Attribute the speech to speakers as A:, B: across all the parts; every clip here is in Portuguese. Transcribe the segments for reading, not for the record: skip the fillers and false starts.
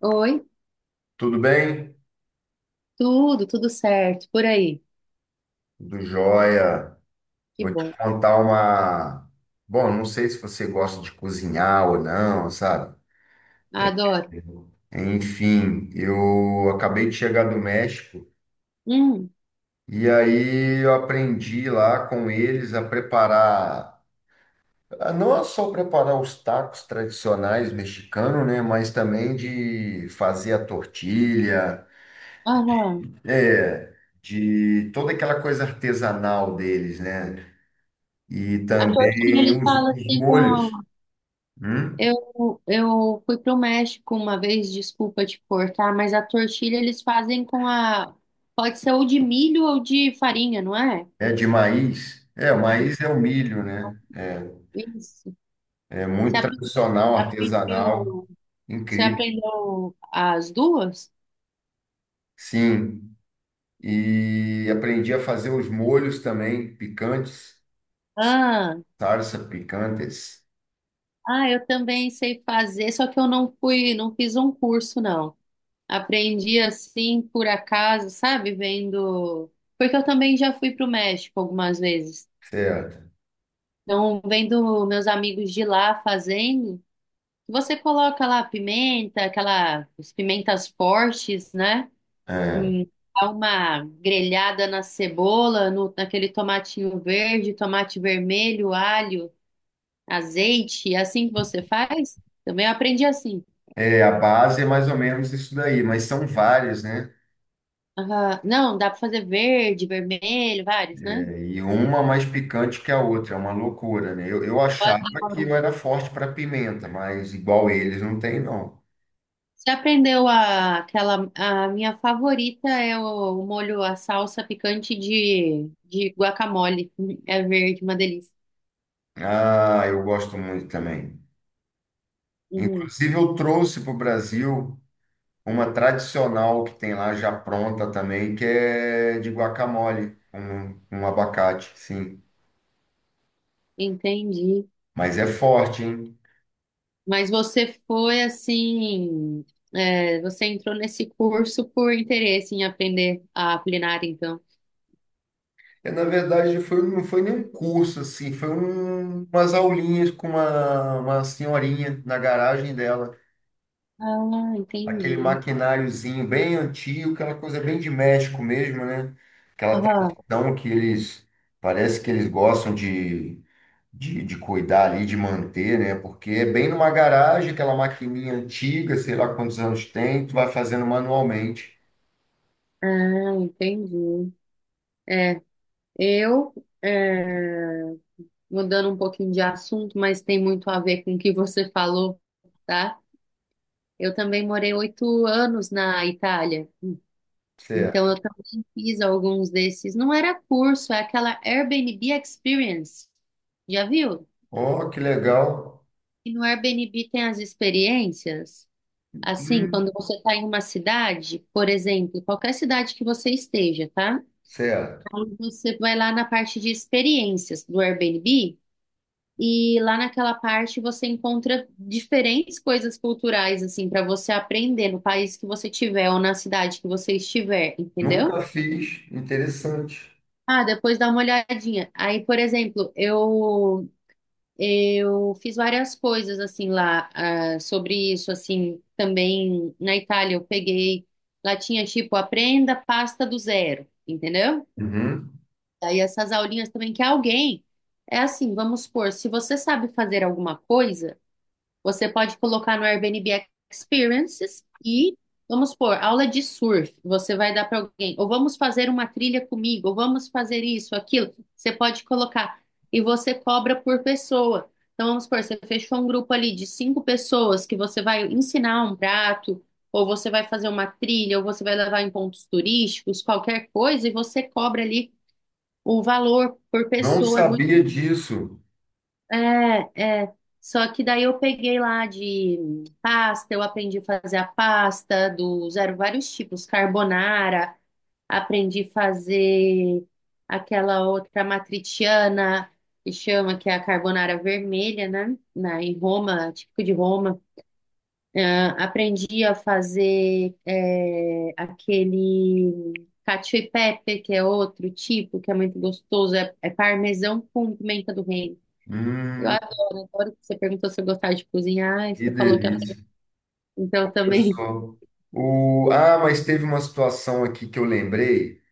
A: Oi,
B: Tudo bem?
A: tudo, tudo certo, por aí.
B: Tudo jóia.
A: Que
B: Vou te
A: bom,
B: contar uma. Bom, não sei se você gosta de cozinhar ou não, sabe?
A: adoro.
B: Enfim, eu acabei de chegar do México
A: Hum,
B: e aí eu aprendi lá com eles a preparar, a não só preparar os tacos tradicionais mexicanos, né? Mas também de fazer a tortilha,
A: aham.
B: é, de toda aquela coisa artesanal deles, né? E
A: A torcida
B: também
A: eles
B: os
A: falam
B: os
A: assim, com
B: molhos. Hum?
A: eu fui pro México uma vez, desculpa te cortar, mas a tortilha eles fazem com a, pode ser ou de milho ou de farinha, não é?
B: É de maíz? É, o maíz é o milho, né?
A: Isso.
B: É
A: Você
B: muito
A: aprendeu,
B: tradicional, artesanal,
A: aprendeu, você
B: incrível.
A: aprendeu as duas?
B: Sim, e aprendi a fazer os molhos também, picantes,
A: Ah,
B: salsa picantes,
A: ah, eu também sei fazer, só que eu não fui, não fiz um curso, não. Aprendi assim por acaso, sabe? Vendo. Porque eu também já fui para o México algumas vezes.
B: certo?
A: Então, vendo meus amigos de lá fazendo, você coloca lá pimenta, aquela as pimentas fortes, né?
B: É.
A: Hum, dá uma grelhada na cebola, no, naquele tomatinho verde, tomate vermelho, alho, azeite. É assim que você faz? Também eu aprendi assim.
B: É, a base é mais ou menos isso daí, mas são várias, né?
A: Aham. Não, dá para fazer verde, vermelho, vários, né?
B: É, e uma mais picante que a outra, é uma loucura, né? Eu
A: Eu
B: achava que eu
A: adoro.
B: era forte para pimenta, mas igual eles não tem, não.
A: Você aprendeu a, aquela, a minha favorita é o molho, a salsa picante de guacamole. É verde, uma delícia.
B: Ah, eu gosto muito também.
A: Uhum,
B: Inclusive, eu trouxe para o Brasil uma tradicional que tem lá já pronta também, que é de guacamole, um abacate, sim.
A: entendi.
B: Mas é forte, hein?
A: Mas você foi assim, você entrou nesse curso por interesse em aprender a culinária, então.
B: É, na verdade, foi, não foi nem um curso, assim, foi umas aulinhas com uma senhorinha na garagem dela.
A: Ah,
B: Aquele
A: entendi.
B: maquináriozinho bem antigo, aquela coisa bem de México mesmo, né? Aquela
A: Aham.
B: tradição que eles, parece que eles gostam de de cuidar ali, de manter, né? Porque é bem numa garagem, aquela maquininha antiga, sei lá quantos anos tem, tu vai fazendo manualmente.
A: Ah, entendi. É, eu, é, mudando um pouquinho de assunto, mas tem muito a ver com o que você falou, tá? Eu também morei 8 anos na Itália, então
B: Certo.
A: eu também fiz alguns desses. Não era curso, é aquela Airbnb Experience. Já viu?
B: Oh, que legal.
A: E no Airbnb tem as experiências. Assim,
B: Hum,
A: quando você está em uma cidade, por exemplo, qualquer cidade que você esteja, tá?
B: certo.
A: Aí você vai lá na parte de experiências do Airbnb. E lá naquela parte você encontra diferentes coisas culturais, assim, para você aprender no país que você tiver ou na cidade que você estiver, entendeu?
B: Nunca fiz. Interessante.
A: Ah, depois dá uma olhadinha. Aí, por exemplo, eu fiz várias coisas assim lá sobre isso, assim, também na Itália eu peguei, lá tinha tipo aprenda pasta do zero, entendeu?
B: Uhum.
A: Aí essas aulinhas também que alguém é assim, vamos supor, se você sabe fazer alguma coisa. Você pode colocar no Airbnb Experiences e, vamos pôr, aula de surf. Você vai dar para alguém, ou vamos fazer uma trilha comigo, ou vamos fazer isso, aquilo. Você pode colocar. E você cobra por pessoa. Então, vamos supor, você fechou um grupo ali de cinco pessoas que você vai ensinar um prato, ou você vai fazer uma trilha, ou você vai levar em pontos turísticos, qualquer coisa, e você cobra ali o valor por
B: Não
A: pessoa. É muito.
B: sabia disso.
A: É, é. Só que daí eu peguei lá de pasta, eu aprendi a fazer a pasta dos, eram vários tipos, carbonara, aprendi a fazer aquela outra matriciana, que chama, que é a carbonara vermelha, né? Em Roma, típico de Roma. Ah, aprendi a fazer aquele cacio e pepe, que é outro tipo, que é muito gostoso, é parmesão com pimenta do reino. Eu
B: Hum,
A: adoro, adoro que você perguntou se eu gostava de cozinhar, e
B: que
A: você falou que eu...
B: delícia.
A: Então
B: Olha
A: também.
B: só. Ah, mas teve uma situação aqui que eu lembrei.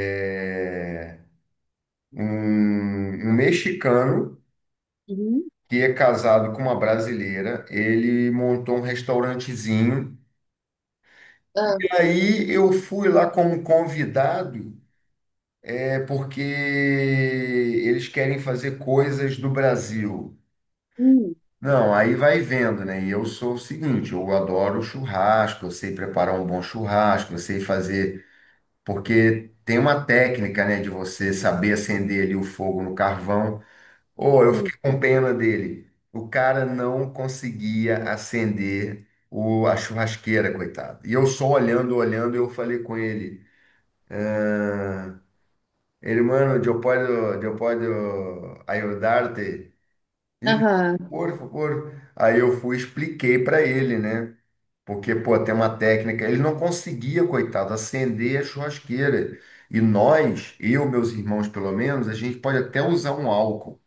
B: É... um mexicano
A: Uhum.
B: que é casado com uma brasileira, ele montou um restaurantezinho. E
A: Ah,
B: aí eu fui lá como convidado, é porque eles querem fazer coisas do Brasil.
A: hum,
B: Não, aí vai vendo, né? E eu sou o seguinte, eu adoro churrasco, eu sei preparar um bom churrasco, eu sei fazer, porque tem uma técnica, né, de você saber acender ali o fogo no carvão. Oh, eu
A: sim.
B: fiquei com pena dele. O cara não conseguia acender a churrasqueira, coitado. E eu só olhando, olhando, eu falei com ele. Ele, mano, eu posso ajudar-te? Ele,
A: Aham,
B: por favor. Aí eu fui, expliquei para ele, né? Porque, pô, tem uma técnica. Ele não conseguia, coitado, acender a churrasqueira. E nós, eu, meus irmãos, pelo menos, a gente pode até usar um álcool.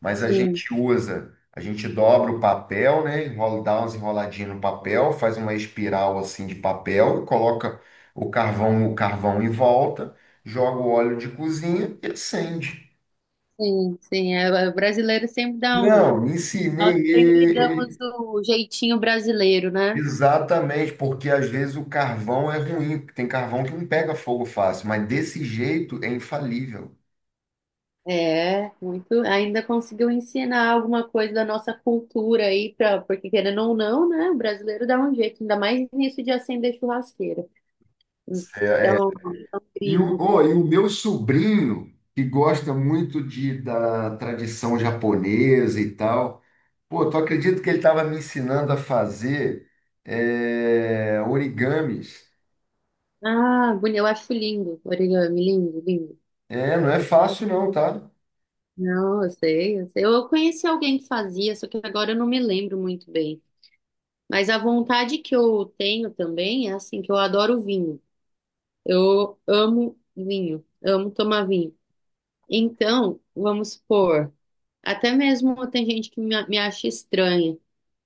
B: Mas a
A: sim,
B: gente usa, a gente dobra o papel, né? Enrola, dá umas enroladinhas no papel, faz uma espiral assim de papel, coloca o carvão em volta, joga o óleo de cozinha e acende.
A: sim, sim. É, é, o brasileiro sempre dá um.
B: Não, me ensinei
A: Nós sempre damos o jeitinho brasileiro, né?
B: exatamente, porque às vezes o carvão é ruim, tem carvão que não pega fogo fácil, mas desse jeito é infalível.
A: É, muito. Ainda conseguiu ensinar alguma coisa da nossa cultura aí, porque querendo ou não, né? O brasileiro dá um jeito, ainda mais nisso de acender churrasqueira.
B: É, é.
A: Então, é um
B: E o,
A: gringo.
B: ô, e o meu sobrinho, que gosta muito de, da tradição japonesa e tal, pô, tu acredita que ele estava me ensinando a fazer origamis?
A: Ah, bonito, eu acho lindo, origami, lindo, lindo.
B: É, não é fácil não, tá?
A: Não, eu sei, eu sei. Eu conheci alguém que fazia, só que agora eu não me lembro muito bem. Mas a vontade que eu tenho também é assim, que eu adoro vinho. Eu amo vinho, amo tomar vinho. Então, vamos supor, até mesmo tem gente que me acha estranha.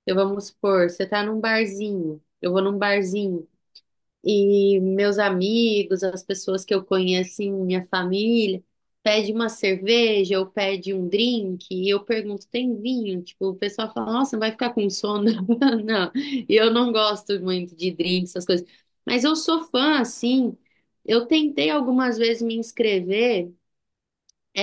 A: Eu vamos supor, você tá num barzinho, eu vou num barzinho. E meus amigos, as pessoas que eu conheço, assim, minha família, pede uma cerveja ou pede um drink, e eu pergunto, tem vinho? Tipo, o pessoal fala, nossa, vai ficar com sono? Não, e eu não gosto muito de drink, essas coisas. Mas eu sou fã, assim, eu tentei algumas vezes me inscrever, é,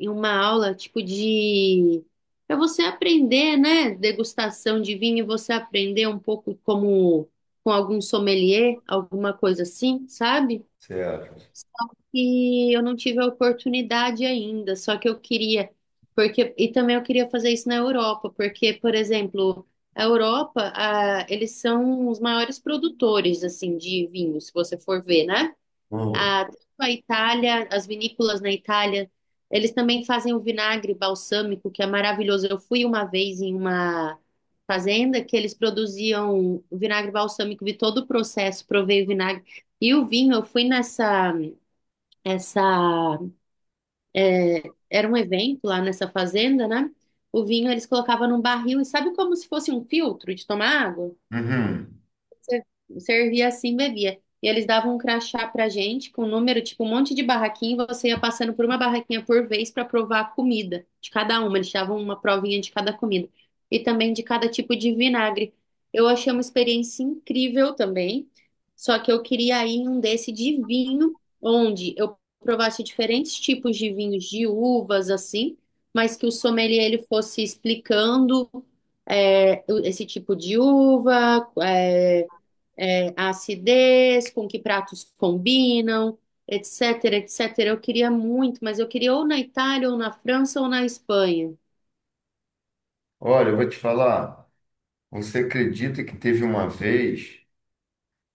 A: em uma aula tipo de para você aprender, né, degustação de vinho, você aprender um pouco como com algum sommelier, alguma coisa assim, sabe?
B: Certo.
A: Só que eu não tive a oportunidade ainda, só que eu queria, porque e também eu queria fazer isso na Europa, porque, por exemplo, a Europa, eles são os maiores produtores assim de vinho, se você for ver, né?
B: Hum.
A: Tanto a Itália, as vinícolas na Itália, eles também fazem o vinagre balsâmico, que é maravilhoso. Eu fui uma vez em uma fazenda que eles produziam vinagre balsâmico, vi todo o processo, provei o vinagre. E o vinho, eu fui nessa, essa, era um evento lá nessa fazenda, né? O vinho eles colocavam num barril e sabe como se fosse um filtro de tomar água?
B: Uhum.
A: Você servia assim, bebia. E eles davam um crachá pra gente com um número, tipo um monte de barraquinha, e você ia passando por uma barraquinha por vez pra provar a comida de cada uma. Eles davam uma provinha de cada comida e também de cada tipo de vinagre. Eu achei uma experiência incrível também. Só que eu queria ir em um desse de vinho, onde eu provasse diferentes tipos de vinhos de uvas, assim, mas que o sommelier ele fosse explicando esse tipo de uva, a acidez, com que pratos combinam, etc, etc. Eu queria muito, mas eu queria ou na Itália, ou na França, ou na Espanha.
B: Olha, eu vou te falar. Você acredita que teve uma vez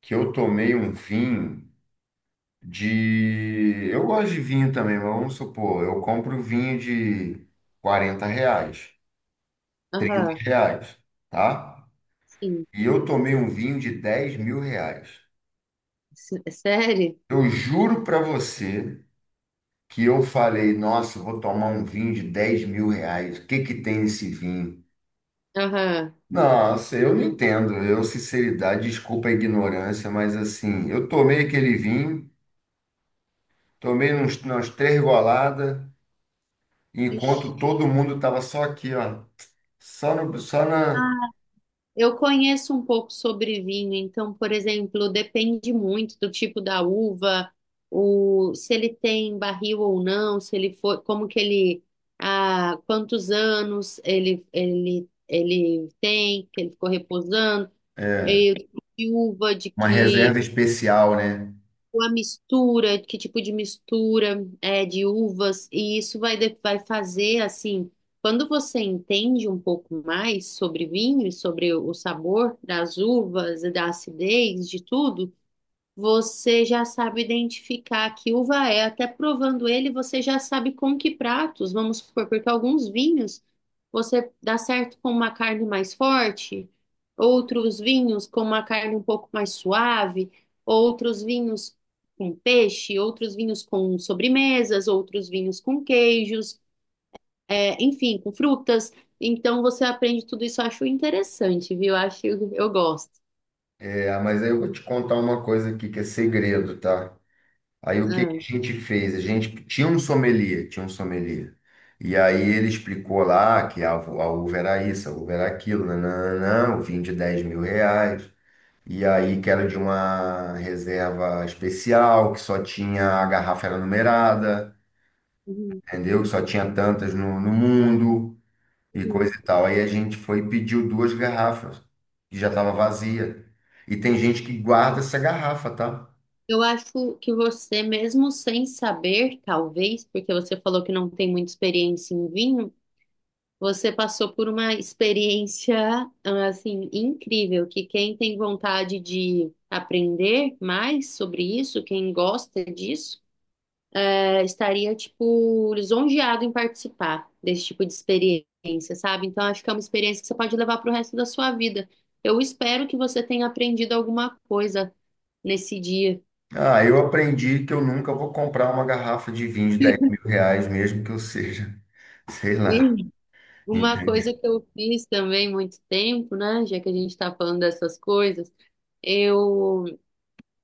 B: que eu tomei um vinho Eu gosto de vinho também, mas vamos supor, eu compro vinho de R$ 40, 30
A: Aham,
B: reais, tá?
A: sim.
B: E eu tomei um vinho de R$ 10.000.
A: É sério?
B: Eu juro para você que eu falei, nossa, eu vou tomar um vinho de R$ 10.000, o que que tem nesse vinho?
A: Aham.
B: Nossa, eu não entendo, eu, sinceridade, desculpa a ignorância, mas assim, eu tomei aquele vinho, tomei umas três goladas, enquanto
A: Ixi.
B: todo mundo tava só aqui, ó, só, no, só na
A: Eu conheço um pouco sobre vinho, então, por exemplo, depende muito do tipo da uva, se ele tem barril ou não, se ele foi, como que ele, há quantos anos ele, tem, que ele ficou reposando. Eu tô de uva, de
B: uma
A: que
B: reserva especial, né?
A: a mistura, que tipo de mistura é de uvas, e isso vai, vai fazer assim, quando você entende um pouco mais sobre vinho e sobre o sabor das uvas e da acidez, de tudo. Você já sabe identificar que uva é, até provando ele, você já sabe com que pratos, vamos supor, porque alguns vinhos você dá certo com uma carne mais forte, outros vinhos com uma carne um pouco mais suave, outros vinhos com peixe, outros vinhos com sobremesas, outros vinhos com queijos, é, enfim, com frutas. Então você aprende tudo isso, eu acho interessante, viu? Eu acho, eu gosto.
B: É, mas aí eu vou te contar uma coisa aqui que é segredo, tá? Aí o que
A: Ah,
B: que a gente fez? A gente tinha um sommelier, tinha um sommelier. E aí ele explicou lá que a uva era isso, a uva era aquilo, nananã, o vinho de R$ 10.000. E aí que era de uma reserva especial, que só tinha, a garrafa era numerada,
A: uhum,
B: entendeu? Que só tinha tantas no mundo e
A: uhum.
B: coisa e tal. Aí a gente foi e pediu duas garrafas, que já estava vazia. E tem gente que guarda essa garrafa, tá?
A: Eu acho que você, mesmo sem saber, talvez, porque você falou que não tem muita experiência em vinho, você passou por uma experiência, assim, incrível, que quem tem vontade de aprender mais sobre isso, quem gosta disso, estaria, tipo, lisonjeado em participar desse tipo de experiência, sabe? Então, acho que é uma experiência que você pode levar para o resto da sua vida. Eu espero que você tenha aprendido alguma coisa nesse dia.
B: Ah, eu aprendi que eu nunca vou comprar uma garrafa de vinho de R$ 10.000, mesmo que eu seja, sei lá,
A: Uma
B: entendeu?
A: coisa que eu fiz também muito tempo, né? Já que a gente está falando dessas coisas, eu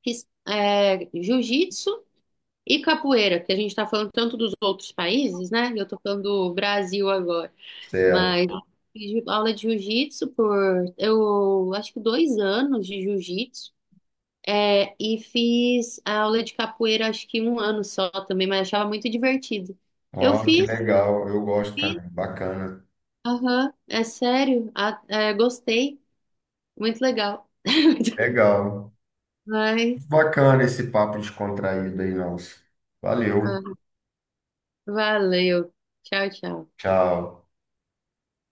A: fiz jiu-jitsu e capoeira, porque a gente está falando tanto dos outros países, né? Eu estou falando do Brasil agora,
B: Certo.
A: mas fiz aula de jiu-jitsu por eu acho que 2 anos de jiu-jitsu, e fiz a aula de capoeira acho que um ano só também, mas achava muito divertido. Eu
B: Ó, que legal, eu gosto
A: fiz,
B: também, bacana.
A: aham, é sério, gostei. Muito legal.
B: Legal,
A: Mas,
B: bacana esse papo descontraído aí, nosso. Valeu,
A: ah, valeu. Tchau, tchau.
B: tchau.